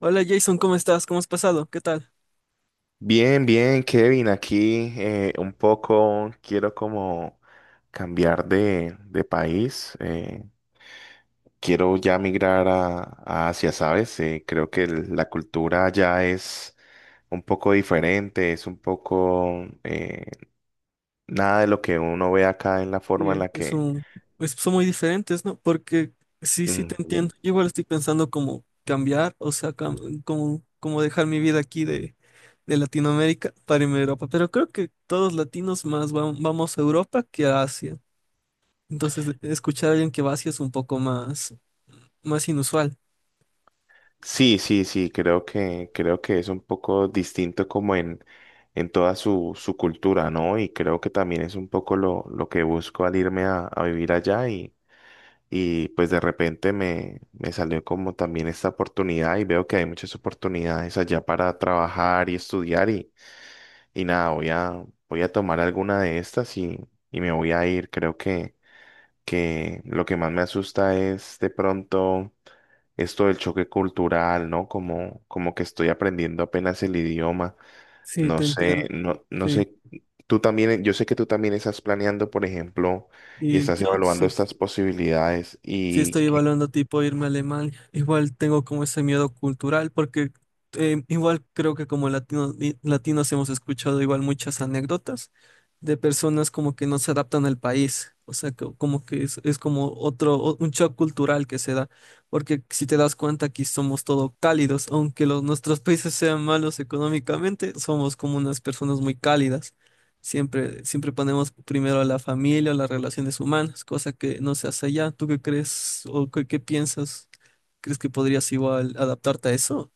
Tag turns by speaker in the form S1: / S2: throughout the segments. S1: Hola Jason, ¿cómo estás? ¿Cómo has pasado? ¿Qué tal?
S2: Bien, bien, Kevin, aquí un poco quiero como cambiar de país. Quiero ya migrar a Asia, ¿sabes? Creo que la cultura ya es un poco diferente, es un poco eh, nada de lo que uno ve acá en la forma en
S1: Sí.
S2: la que.
S1: Son muy diferentes, ¿no? Porque sí, sí te
S2: Mm,
S1: entiendo. Yo igual estoy pensando como cambiar, o sea, como dejar mi vida aquí de, Latinoamérica para irme a Europa. Pero creo que todos latinos más vamos a Europa que a Asia. Entonces, escuchar a alguien que va a Asia es un poco más inusual.
S2: sí, sí, sí, creo que es un poco distinto como en toda su cultura, ¿no? Y creo que también es un poco lo que busco al irme a vivir allá y pues de repente me salió como también esta oportunidad y veo que hay muchas oportunidades allá para trabajar y estudiar y nada, voy a tomar alguna de estas y me voy a ir. Creo que lo que más me asusta es de pronto esto del choque cultural, ¿no? Como que estoy aprendiendo apenas el idioma.
S1: Sí,
S2: No
S1: te
S2: sé,
S1: entiendo.
S2: no, no
S1: Sí.
S2: sé, tú también, yo sé que tú también estás planeando, por ejemplo, y
S1: Y
S2: estás
S1: yo
S2: evaluando
S1: sí.
S2: estas posibilidades
S1: Sí,
S2: y.
S1: estoy evaluando tipo irme a Alemania. Igual tengo como ese miedo cultural porque igual creo que como latinos hemos escuchado igual muchas anécdotas de personas como que no se adaptan al país. O sea, como que es como otro, un shock cultural que se da, porque si te das cuenta, aquí somos todo cálidos, aunque nuestros países sean malos económicamente, somos como unas personas muy cálidas. Siempre ponemos primero a la familia, las relaciones humanas, cosa que no se hace allá. ¿Tú qué crees o qué, piensas? ¿Crees que podrías igual adaptarte a eso?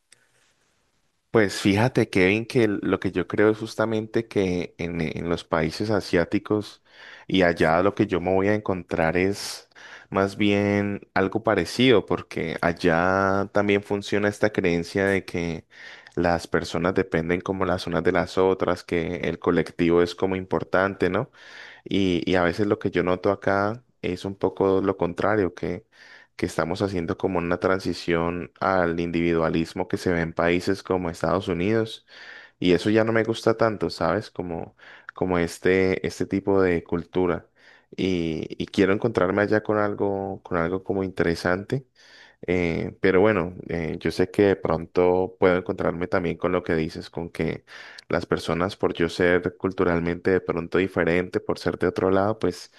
S2: Pues fíjate, Kevin, que lo que yo creo es justamente que en los países asiáticos y allá lo que yo me voy a encontrar es más bien algo parecido, porque allá también funciona esta creencia de que las personas dependen como las unas de las otras, que el colectivo es como importante, ¿no? Y a veces lo que yo noto acá es un poco lo contrario, que estamos haciendo como una transición al individualismo que se ve en países como Estados Unidos. Y eso ya no me gusta tanto, ¿sabes? Como este tipo de cultura. Y quiero encontrarme allá con algo como interesante pero bueno, yo sé que de pronto puedo encontrarme también con lo que dices, con que las personas, por yo ser culturalmente de pronto diferente, por ser de otro lado, pues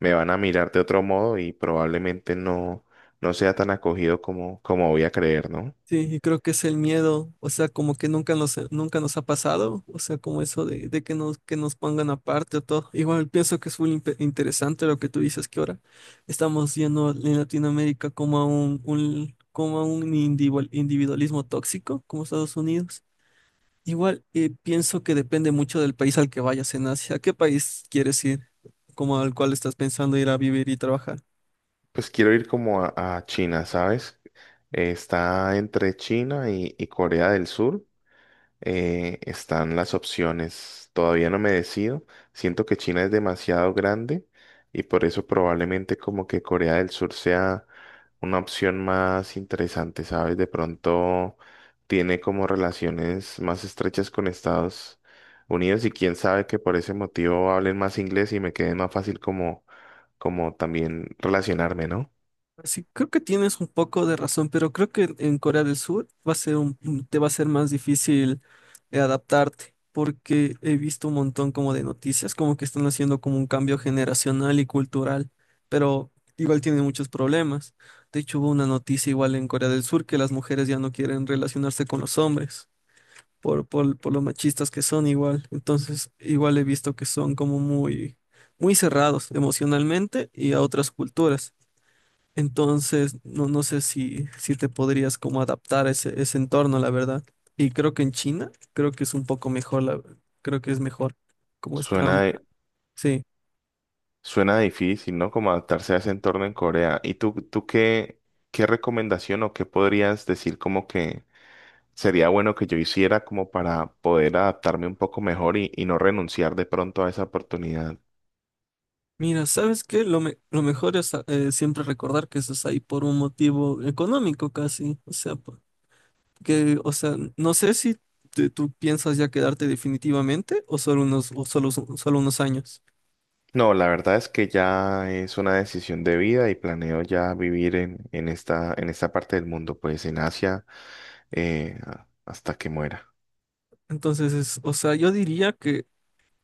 S2: me van a mirar de otro modo y probablemente no sea tan acogido como voy a creer, ¿no?
S1: Sí, y creo que es el miedo, o sea, como que nunca nos, ha pasado, o sea, como eso de, que nos pongan aparte o todo. Igual pienso que es muy interesante lo que tú dices, que ahora estamos yendo en Latinoamérica como a un, como a un individualismo tóxico, como Estados Unidos. Igual pienso que depende mucho del país al que vayas en Asia. ¿A qué país quieres ir? Como al cual estás pensando ir a vivir y trabajar.
S2: Pues quiero ir como a China, ¿sabes? Está entre China y Corea del Sur. Están las opciones. Todavía no me decido. Siento que China es demasiado grande y por eso probablemente como que Corea del Sur sea una opción más interesante, ¿sabes? De pronto tiene como relaciones más estrechas con Estados Unidos y quién sabe que por ese motivo hablen más inglés y me quede más fácil como también relacionarme, ¿no?
S1: Pues sí, creo que tienes un poco de razón, pero creo que en Corea del Sur va a ser te va a ser más difícil adaptarte, porque he visto un montón como de noticias, como que están haciendo como un cambio generacional y cultural, pero igual tienen muchos problemas. De hecho, hubo una noticia igual en Corea del Sur que las mujeres ya no quieren relacionarse con los hombres por los machistas que son igual. Entonces, igual he visto que son como muy, muy cerrados emocionalmente y a otras culturas. Entonces, no, no sé si, si te podrías como adaptar a ese, entorno, la verdad. Y creo que en China, creo que es un poco mejor, creo que es mejor como están.
S2: Suena
S1: Sí.
S2: Suena difícil, ¿no? Como adaptarse a ese entorno en Corea. ¿Y tú qué recomendación o qué podrías decir como que sería bueno que yo hiciera como para poder adaptarme un poco mejor y no renunciar de pronto a esa oportunidad?
S1: Mira, ¿sabes qué? Lo mejor es siempre recordar que estás ahí por un motivo económico casi. O sea, que, o sea, no sé si tú piensas ya quedarte definitivamente o o solo unos años.
S2: No, la verdad es que ya es una decisión de vida y planeo ya vivir en esta parte del mundo, pues en Asia, eh, hasta que muera.
S1: Entonces, o sea, yo diría,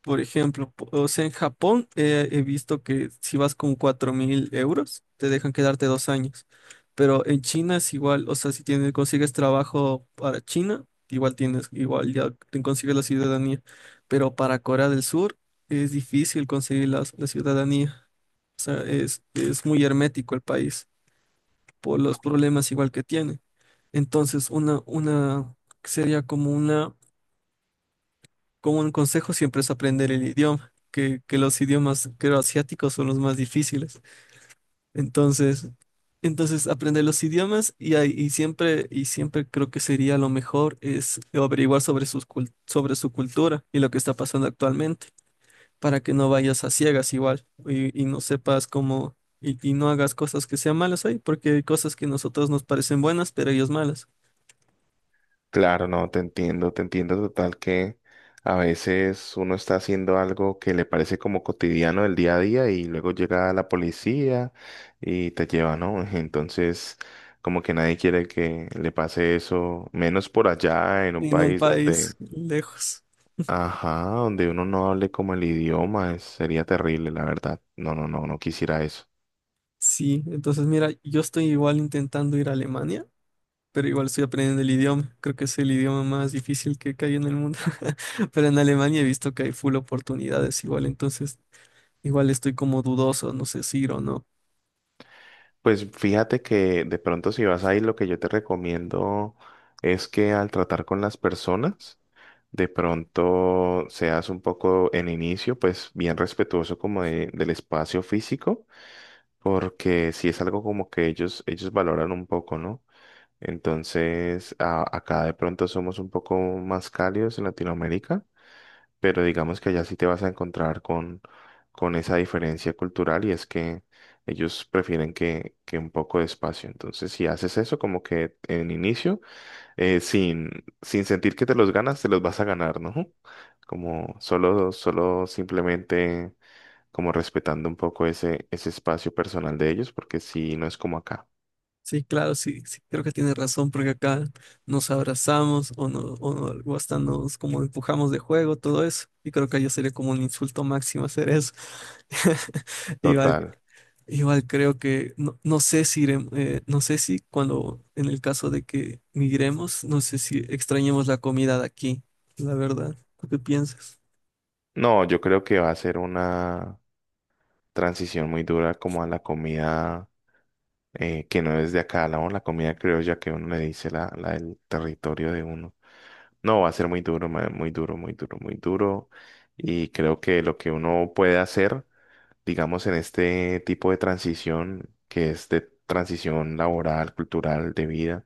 S1: por ejemplo, o sea, en Japón he visto que si vas con 4.000 euros, te dejan quedarte 2 años. Pero en China es igual, o sea, si tienes, consigues trabajo para China, igual ya te consigues la ciudadanía. Pero para Corea del Sur es difícil conseguir la, ciudadanía. O sea, es muy hermético el país por los problemas igual que tiene. Entonces, una, sería como un consejo siempre es aprender el idioma, que los idiomas, creo, asiáticos son los más difíciles. Entonces, entonces aprender los idiomas y siempre creo que sería lo mejor es averiguar sobre sobre su cultura y lo que está pasando actualmente, para que no vayas a ciegas igual y no sepas cómo, y no hagas cosas que sean malas ahí, porque hay cosas que a nosotros nos parecen buenas, pero ellos malas,
S2: Claro, no, te entiendo total que a veces uno está haciendo algo que le parece como cotidiano del día a día y luego llega la policía y te lleva, ¿no? Entonces, como que nadie quiere que le pase eso, menos por allá en un
S1: en un
S2: país
S1: país
S2: donde,
S1: lejos.
S2: ajá, donde uno no hable como el idioma, sería terrible, la verdad. No, no, no, no quisiera eso.
S1: Sí, entonces mira, yo estoy igual intentando ir a Alemania, pero igual estoy aprendiendo el idioma. Creo que es el idioma más difícil que hay en el mundo. Pero en Alemania he visto que hay full oportunidades igual, entonces igual estoy como dudoso, no sé si ir o no.
S2: Pues fíjate que de pronto si vas a ir, lo que yo te recomiendo es que al tratar con las personas, de pronto seas un poco en inicio, pues bien respetuoso como del espacio físico, porque si es algo como que ellos valoran un poco, ¿no? Entonces, acá de pronto somos un poco más cálidos en Latinoamérica, pero digamos que allá sí te vas a encontrar con esa diferencia cultural y es que ellos prefieren que un poco de espacio. Entonces, si haces eso como que en inicio, eh, sin, sin sentir que te los ganas, te los vas a ganar, ¿no? Como solo simplemente como respetando un poco ese espacio personal de ellos, porque si no es como acá.
S1: Sí, claro, sí, sí, creo que tienes razón, porque acá nos abrazamos o, no, o, o hasta nos como empujamos de juego, todo eso. Y creo que allá sería como un insulto máximo hacer eso. Igual
S2: Total.
S1: Igual creo que, no, no sé si no sé si cuando, en el caso de que migremos, no sé si extrañemos la comida de aquí, la verdad. ¿Tú qué piensas?
S2: No, yo creo que va a ser una transición muy dura como a la comida que no es de acá, la comida criolla que uno le dice, la del territorio de uno. No, va a ser muy duro, muy duro, muy duro, muy duro. Y creo que lo que uno puede hacer digamos, en este tipo de transición, que es de transición laboral, cultural, de vida,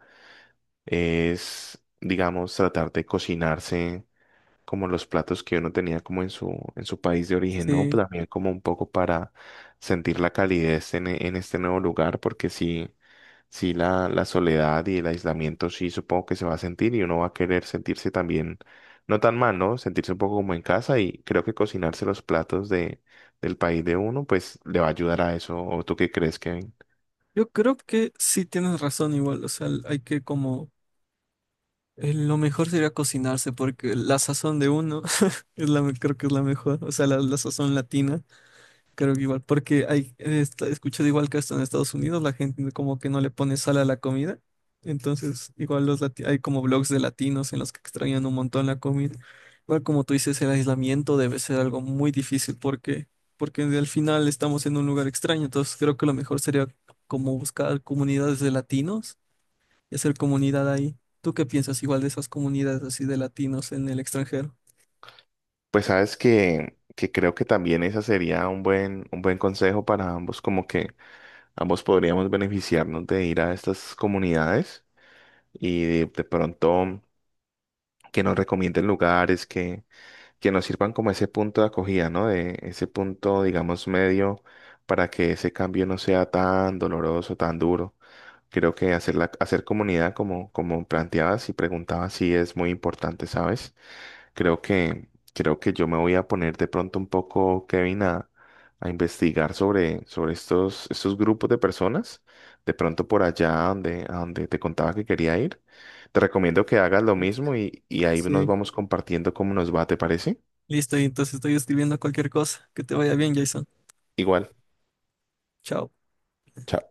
S2: es, digamos, tratar de cocinarse como los platos que uno tenía como en su país de origen, ¿no?
S1: Sí,
S2: Pero también como un poco para sentir la calidez en este nuevo lugar, porque sí, sí la soledad y el aislamiento sí supongo que se va a sentir y uno va a querer sentirse también, no tan mal, ¿no? Sentirse un poco como en casa y creo que cocinarse los platos del país de uno, pues le va a ayudar a eso. ¿O tú qué crees, Kevin?
S1: yo creo que sí tienes razón igual, o sea, hay que como, lo mejor sería cocinarse porque la sazón de uno es creo que es la mejor, o sea, la, sazón latina. Creo que igual, porque he escuchado igual que hasta en Estados Unidos la gente como que no le pone sal a la comida. Entonces, igual hay como blogs de latinos en los que extrañan un montón la comida. Igual como tú dices, el aislamiento debe ser algo muy difícil porque, al final estamos en un lugar extraño. Entonces, creo que lo mejor sería como buscar comunidades de latinos y hacer comunidad ahí. ¿Tú qué piensas igual de esas comunidades así de latinos en el extranjero?
S2: Pues sabes que creo que también esa sería un buen consejo para ambos, como que ambos podríamos beneficiarnos de ir a estas comunidades y de pronto que nos recomienden lugares que nos sirvan como ese punto de acogida, ¿no? De ese punto, digamos, medio para que ese cambio no sea tan doloroso, tan duro. Creo que hacer comunidad como planteabas y preguntabas sí es muy importante, ¿sabes? Creo que, creo que yo me voy a poner de pronto un poco, Kevin, a investigar sobre estos grupos de personas. De pronto por allá donde, a donde te contaba que quería ir. Te recomiendo que hagas lo
S1: Listo.
S2: mismo y ahí nos
S1: Sí.
S2: vamos compartiendo cómo nos va, ¿te parece?
S1: Listo, y entonces estoy escribiendo cualquier cosa. Que te vaya bien, Jason.
S2: Igual.
S1: Chao.
S2: Chao.